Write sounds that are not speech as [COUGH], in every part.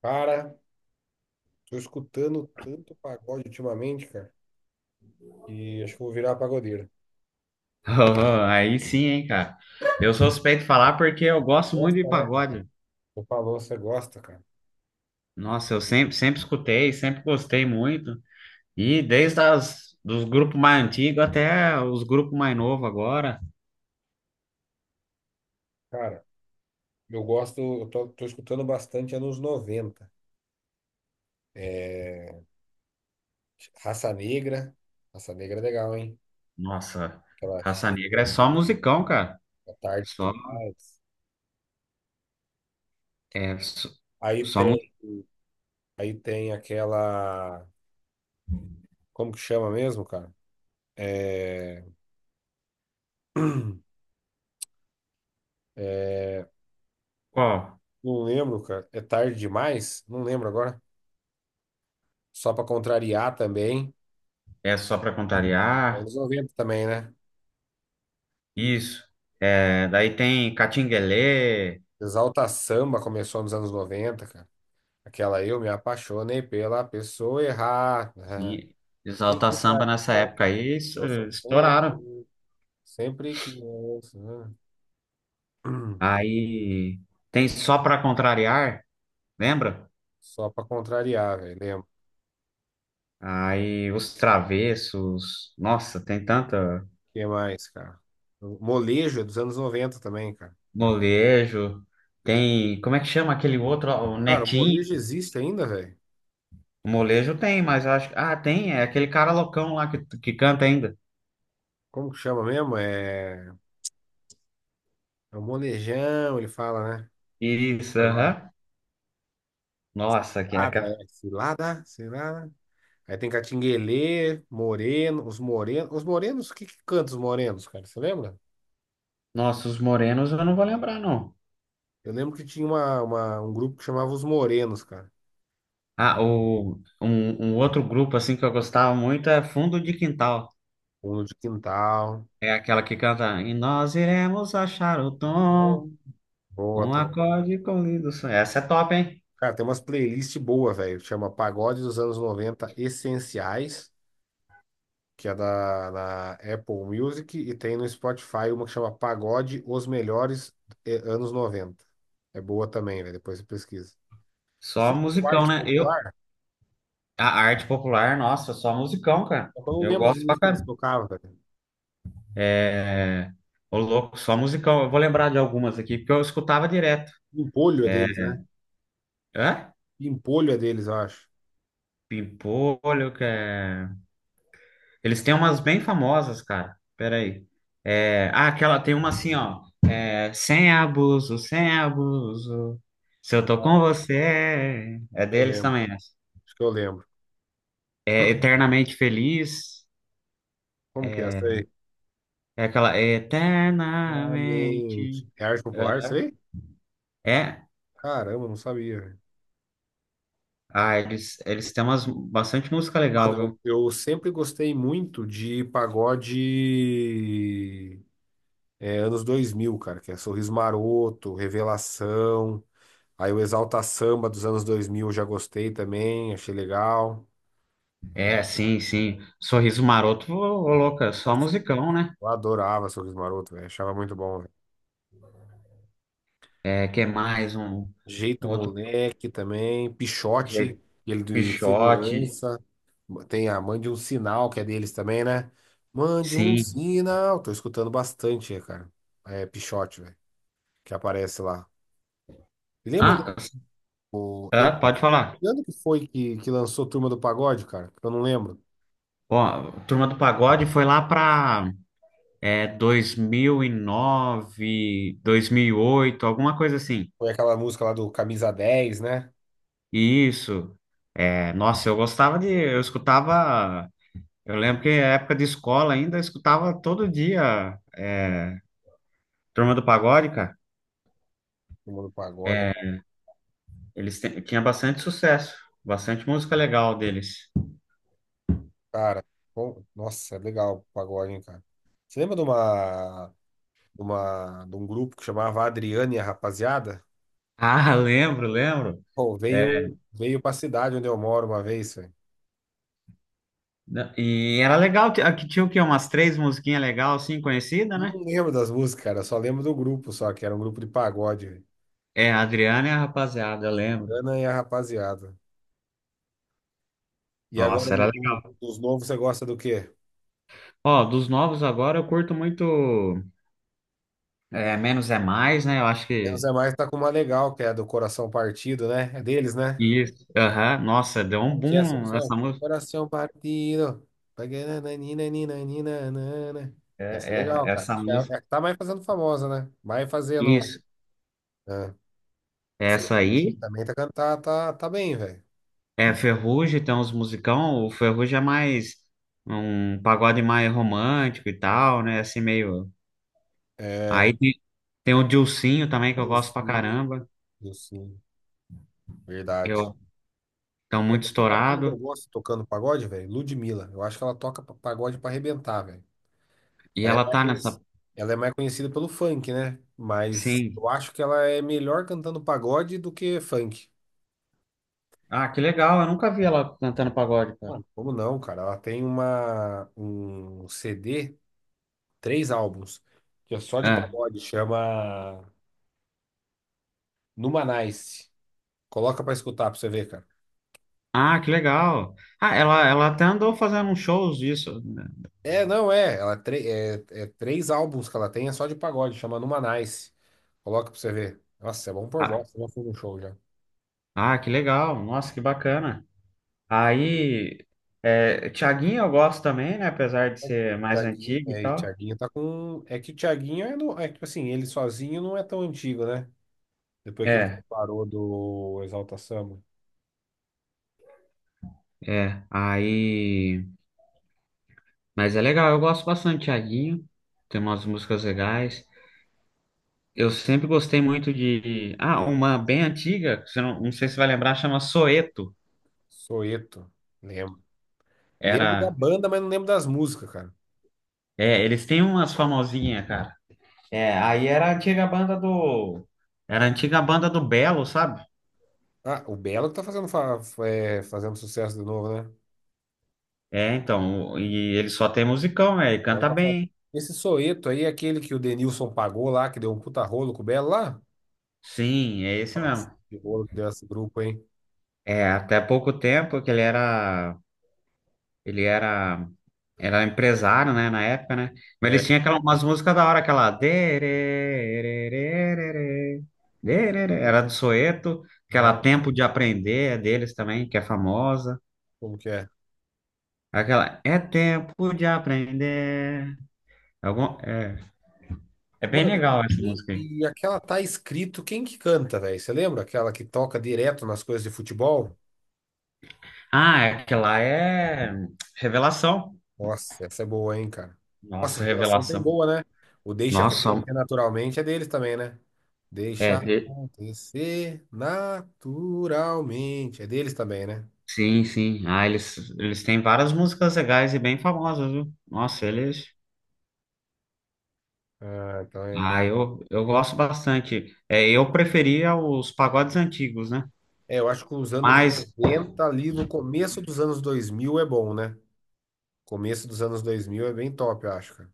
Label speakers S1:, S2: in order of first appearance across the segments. S1: Cara, tô escutando tanto pagode ultimamente, cara, que acho que eu vou virar pagodeiro.
S2: Oh, aí sim, hein, cara. Eu sou suspeito de falar porque eu
S1: Você
S2: gosto muito de
S1: gosta, né, cara?
S2: pagode.
S1: Você falou, você gosta, cara.
S2: Nossa, eu sempre, sempre escutei, sempre gostei muito. E desde dos grupos mais antigos até os grupos mais novos agora.
S1: Cara, eu gosto, eu tô escutando bastante anos 90. É, Raça Negra. Raça Negra é legal, hein?
S2: Nossa,
S1: Aquela
S2: Raça
S1: cheia de
S2: Negra é só
S1: bolinho,
S2: musicão, cara.
S1: tá tarde
S2: Só,
S1: demais.
S2: é, só,
S1: Aí
S2: só
S1: tem, aí tem aquela. Como que chama mesmo, cara? É. É,
S2: musical.
S1: não lembro, cara. É tarde demais? Não lembro agora. Só pra contrariar também.
S2: É só pra contrariar.
S1: Anos 90 também, né?
S2: Isso. É, daí tem Catinguelê.
S1: Exalta Samba começou nos anos 90, cara. Aquela eu me apaixonei pela pessoa errada, né?
S2: Sim, Exalta
S1: Ninguém
S2: Samba
S1: sabe o
S2: nessa
S1: que é que eu
S2: época aí, isso,
S1: tô
S2: estouraram.
S1: sofrendo. Sempre que eu, né? [CLEARS THROAT]
S2: Aí tem Só Pra Contrariar, lembra?
S1: Só pra contrariar, velho. Lembro.
S2: Aí Os Travessos, nossa, tem tanta
S1: O que mais, cara? O Molejo é dos anos 90 também, cara.
S2: molejo, tem, como é que chama aquele outro, ó, o
S1: Cara, o
S2: Nequinho?
S1: molejo existe ainda, velho?
S2: O molejo tem, mas eu acho, ah, tem, é aquele cara loucão lá que canta ainda.
S1: Como que chama mesmo? É o molejão, ele fala, né?
S2: Isso,
S1: Agora,
S2: aham. Nossa, que é,
S1: cilada,
S2: ca-
S1: é cilada, cilada. Aí tem Catinguelê, Moreno, os Morenos. Os Morenos, o que que canta os Morenos, cara? Você lembra?
S2: nossa, os morenos eu não vou lembrar, não.
S1: Eu lembro que tinha um grupo que chamava Os Morenos, cara.
S2: Ah, um outro grupo, assim, que eu gostava muito é Fundo de Quintal.
S1: Fundo de Quintal,
S2: É aquela que canta, e nós iremos achar o tom.
S1: bom, boa
S2: Um
S1: também.
S2: acorde com lindo sonho. Essa é top, hein?
S1: Cara, tem umas playlists boas, velho. Chama Pagode dos Anos 90 Essenciais, que é na Apple Music, e tem no Spotify uma que chama Pagode Os Melhores Anos 90. É boa também, velho. Depois você pesquisa. Você
S2: Só
S1: lembra do
S2: musicão,
S1: Arte
S2: né?
S1: Popular?
S2: A arte popular, nossa, só musicão, cara.
S1: Só que eu não
S2: Eu
S1: lembro as
S2: gosto pra
S1: músicas que eles
S2: caramba.
S1: tocavam, velho.
S2: É, ô louco, só musicão. Eu vou lembrar de algumas aqui, porque eu escutava direto.
S1: Pimpolho é
S2: É,
S1: deles, né?
S2: hã?
S1: Pimpolho é deles, eu acho. Acho
S2: Pimpolho, que é... Eles têm umas bem famosas, cara. Peraí. Ah, aquela tem uma assim, ó. É, sem abuso, sem abuso. Se eu tô com você. É
S1: que eu
S2: deles
S1: lembro.
S2: também essa.
S1: Acho que eu lembro.
S2: É eternamente feliz.
S1: Como que é essa aí?
S2: É aquela eternamente.
S1: Exatamente. É arte popular, isso aí?
S2: É,
S1: Caramba, não sabia, velho.
S2: ah, eles têm bastante música legal,
S1: Mano,
S2: viu?
S1: eu sempre gostei muito de pagode, anos 2000, cara, que é Sorriso Maroto, Revelação, aí o Exalta Samba dos anos 2000 eu já gostei também, achei legal.
S2: É, sim, sim. Sorriso Maroto, ô, ô, louca, só
S1: Nossa,
S2: musicão, né?
S1: eu adorava Sorriso Maroto, velho, achava muito bom,
S2: É, que é mais um
S1: Jeito
S2: outro
S1: Moleque também, Pichote,
S2: jeito,
S1: ele do
S2: Pixote,
S1: Insegurança. Tem a Mande um Sinal, que é deles também, né? Mande um
S2: sim.
S1: sinal. Tô escutando bastante, cara. É Pichote, velho, que aparece lá. E lembra
S2: Ah,
S1: do. De,
S2: é, pode falar.
S1: que ano que foi que lançou Turma do Pagode, cara? Eu não lembro.
S2: Ó, Turma do Pagode foi lá pra dois mil e nove, 2008, alguma coisa assim.
S1: Foi aquela música lá do Camisa Dez, né?
S2: Isso. É, nossa, eu gostava de, eu escutava eu lembro que na época de escola ainda eu escutava todo dia Turma do Pagode, cara.
S1: Turma do Pagode.
S2: Tinha bastante sucesso, bastante música legal deles.
S1: Cara, bom, nossa, é legal o pagode, hein, cara. Você lembra de um grupo que chamava Adriane e a Rapaziada?
S2: Ah, [LAUGHS] lembro, lembro.
S1: Pô, veio pra cidade onde eu moro uma vez, velho.
S2: E era legal, aqui tinha o quê? Umas três musiquinhas legais, assim, conhecidas,
S1: Eu
S2: né?
S1: não lembro das músicas, cara. Eu só lembro do grupo, só que era um grupo de pagode, velho.
S2: É, a Adriana e a rapaziada, eu lembro.
S1: Ana e a rapaziada. E agora
S2: Nossa, era
S1: dos no-
S2: legal.
S1: dos novos, você gosta do quê?
S2: Ó, dos novos agora eu curto muito Menos é Mais, né? Eu acho
S1: Menos
S2: que
S1: é mais tá com uma legal, que é do Coração Partido, né? É deles, né?
S2: isso. Aham. Nossa, deu um
S1: Como que é essa
S2: boom
S1: música?
S2: essa
S1: É
S2: música.
S1: Coração Partido. Paganananinananinanana.
S2: É,
S1: Essa é
S2: é,
S1: legal, cara.
S2: essa
S1: Acho que é a
S2: música.
S1: que tá mais fazendo famosa, né? Vai fazendo,
S2: Isso.
S1: né?
S2: Essa
S1: Ferrugem
S2: aí
S1: também tá cantando, tá bem, velho.
S2: é Ferrugem, tem uns musicão. O Ferrugem é mais um pagode mais romântico e tal, né? Assim meio.
S1: É.
S2: Aí tem o Dilsinho também, que eu gosto
S1: Dos
S2: pra caramba.
S1: Sim, sim, verdade.
S2: Eu tão muito
S1: Sabe quem que eu
S2: estourado.
S1: gosto tocando pagode, velho? Ludmilla. Eu acho que ela toca pagode pra arrebentar, velho.
S2: E
S1: Ela é
S2: ela
S1: mais,
S2: tá nessa.
S1: conhec- ela é mais conhecida pelo funk, né? Mas eu
S2: Sim.
S1: acho que ela é melhor cantando pagode do que funk.
S2: Ah, que legal. Eu nunca vi ela cantando pagode, cara.
S1: Mano, como não, cara? Ela tem um CD, três álbuns, que é só de
S2: É.
S1: pagode, chama Numanice. Coloca pra escutar pra você ver, cara.
S2: Ah, que legal. Ah, ela até andou fazendo uns shows disso, né?
S1: É, não é. Ela é três álbuns que ela tem, é só de pagode, chama Numa Nice. Coloca pra você ver. Nossa, é bom por
S2: Ah,
S1: bosta, já fui no show já.
S2: ah, que legal. Nossa, que bacana. Aí, Thiaguinho eu gosto também, né? Apesar de
S1: É,
S2: ser mais
S1: Thiaguinho,
S2: antigo e
S1: é, e
S2: tal.
S1: Thiaguinho tá com. É que o Thiaguinho é, no... é que assim, ele sozinho não é tão antigo, né? Depois que ele
S2: É,
S1: separou do Exalta Samba.
S2: é. Aí. Mas é legal, eu gosto bastante de Thiaguinho. Tem umas músicas legais. Eu sempre gostei muito de. Ah, uma bem antiga, que você não sei se vai lembrar, chama Soeto.
S1: Soeto, lembro. Lembro da
S2: Era.
S1: banda, mas não lembro das músicas, cara.
S2: É, eles têm umas famosinhas, cara. É, aí era a antiga banda do. Era a antiga banda do Belo, sabe?
S1: Ah, o Belo que tá fazendo sucesso de novo, né?
S2: É, então. E ele só tem musicão, né?
S1: O
S2: Ele
S1: Belo
S2: canta
S1: tá fazendo.
S2: bem.
S1: Esse Soeto aí é aquele que o Denilson pagou lá, que deu um puta rolo com o Belo lá?
S2: Sim, é esse
S1: Nossa,
S2: mesmo.
S1: que rolo que deu esse grupo, hein?
S2: É, até pouco tempo que ele era, era empresário, né, na época, né? Mas eles
S1: É,
S2: tinham aquela, umas músicas da hora, aquela dererê, dererê, era do Soeto, aquela
S1: né?
S2: Tempo de Aprender é deles também, que é famosa.
S1: Como que é?
S2: Aquela É Tempo de Aprender. Algum, é, é bem
S1: Mano,
S2: legal essa
S1: e,
S2: música aí.
S1: e e aquela tá escrito quem que canta, velho? Você lembra? Aquela que toca direto nas coisas de futebol?
S2: Ah, é, aquela é Revelação.
S1: Nossa, essa é boa, hein, cara? Nossa, a
S2: Nossa,
S1: revelação tem
S2: Revelação.
S1: boa, né? O Deixa
S2: Nossa,
S1: Acontecer Naturalmente é deles também, né? Deixa
S2: é,
S1: acontecer naturalmente. É deles também, né?
S2: sim, sim. Ah, eles têm várias músicas legais e bem famosas, viu? Nossa, eles.
S1: Ah, então é.
S2: Ah, eu gosto bastante. É, eu preferia os pagodes antigos, né?
S1: É, eu acho que os anos
S2: Mas,
S1: 90 ali no começo dos anos 2000 é bom, né? Começo dos anos 2000 é bem top, eu acho, cara.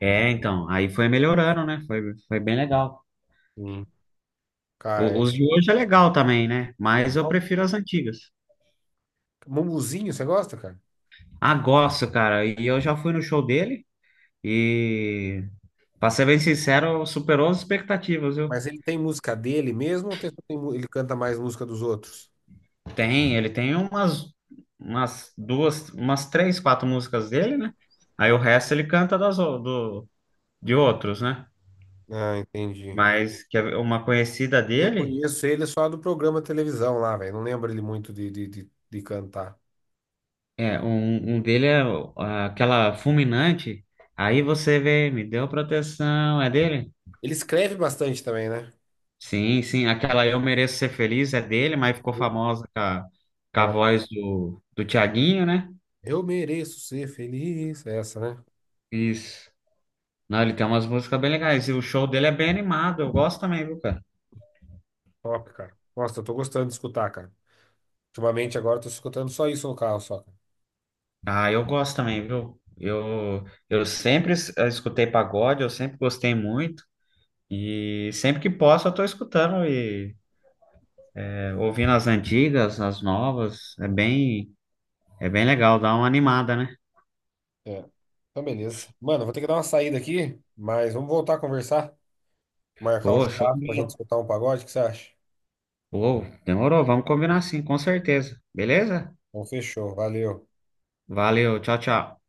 S2: então, aí foi melhorando, né? Foi bem legal.
S1: Sim. Cara,
S2: Os de hoje é legal também, né? Mas eu prefiro as antigas.
S1: Mumuzinho, você gosta, cara?
S2: Ah, gosto, cara. E eu já fui no show dele e, pra ser bem sincero, superou as expectativas, viu?
S1: Mas ele tem música dele mesmo ou ele canta mais música dos outros?
S2: Ele tem umas duas, umas três, quatro músicas dele, né? Aí o resto ele canta de outros, né?
S1: Ah, entendi.
S2: Mas que é uma conhecida
S1: Eu
S2: dele,
S1: conheço ele só do programa de televisão lá, velho. Não lembro ele muito de cantar.
S2: um dele é aquela fulminante. Aí você vê, me deu proteção, é dele?
S1: Ele escreve bastante também, né?
S2: Sim, sim, aquela Eu Mereço Ser Feliz é dele, mas ficou
S1: Sim.
S2: famosa com a
S1: Ah,
S2: voz do Thiaguinho, né?
S1: eu mereço ser feliz. É essa, né?
S2: Isso. Não, ele tem umas músicas bem legais. E o show dele é bem animado, eu gosto também, viu, cara?
S1: Top, cara. Nossa, eu tô gostando de escutar, cara. Ultimamente agora eu tô escutando só isso no carro, só, cara.
S2: Ah, eu gosto também, viu? Eu sempre escutei pagode, eu sempre gostei muito. E sempre que posso, eu tô escutando e ouvindo as antigas, as novas. É bem legal, dá uma animada, né?
S1: É. Então, beleza. Mano, vou ter que dar uma saída aqui, mas vamos voltar a conversar. Marcar um
S2: Pô, show
S1: churrasco pra
S2: de
S1: gente
S2: bola.
S1: escutar um pagode, o que você acha?
S2: Pô, demorou, vamos combinar sim, com certeza. Beleza?
S1: Então, fechou. Valeu.
S2: Valeu, tchau, tchau.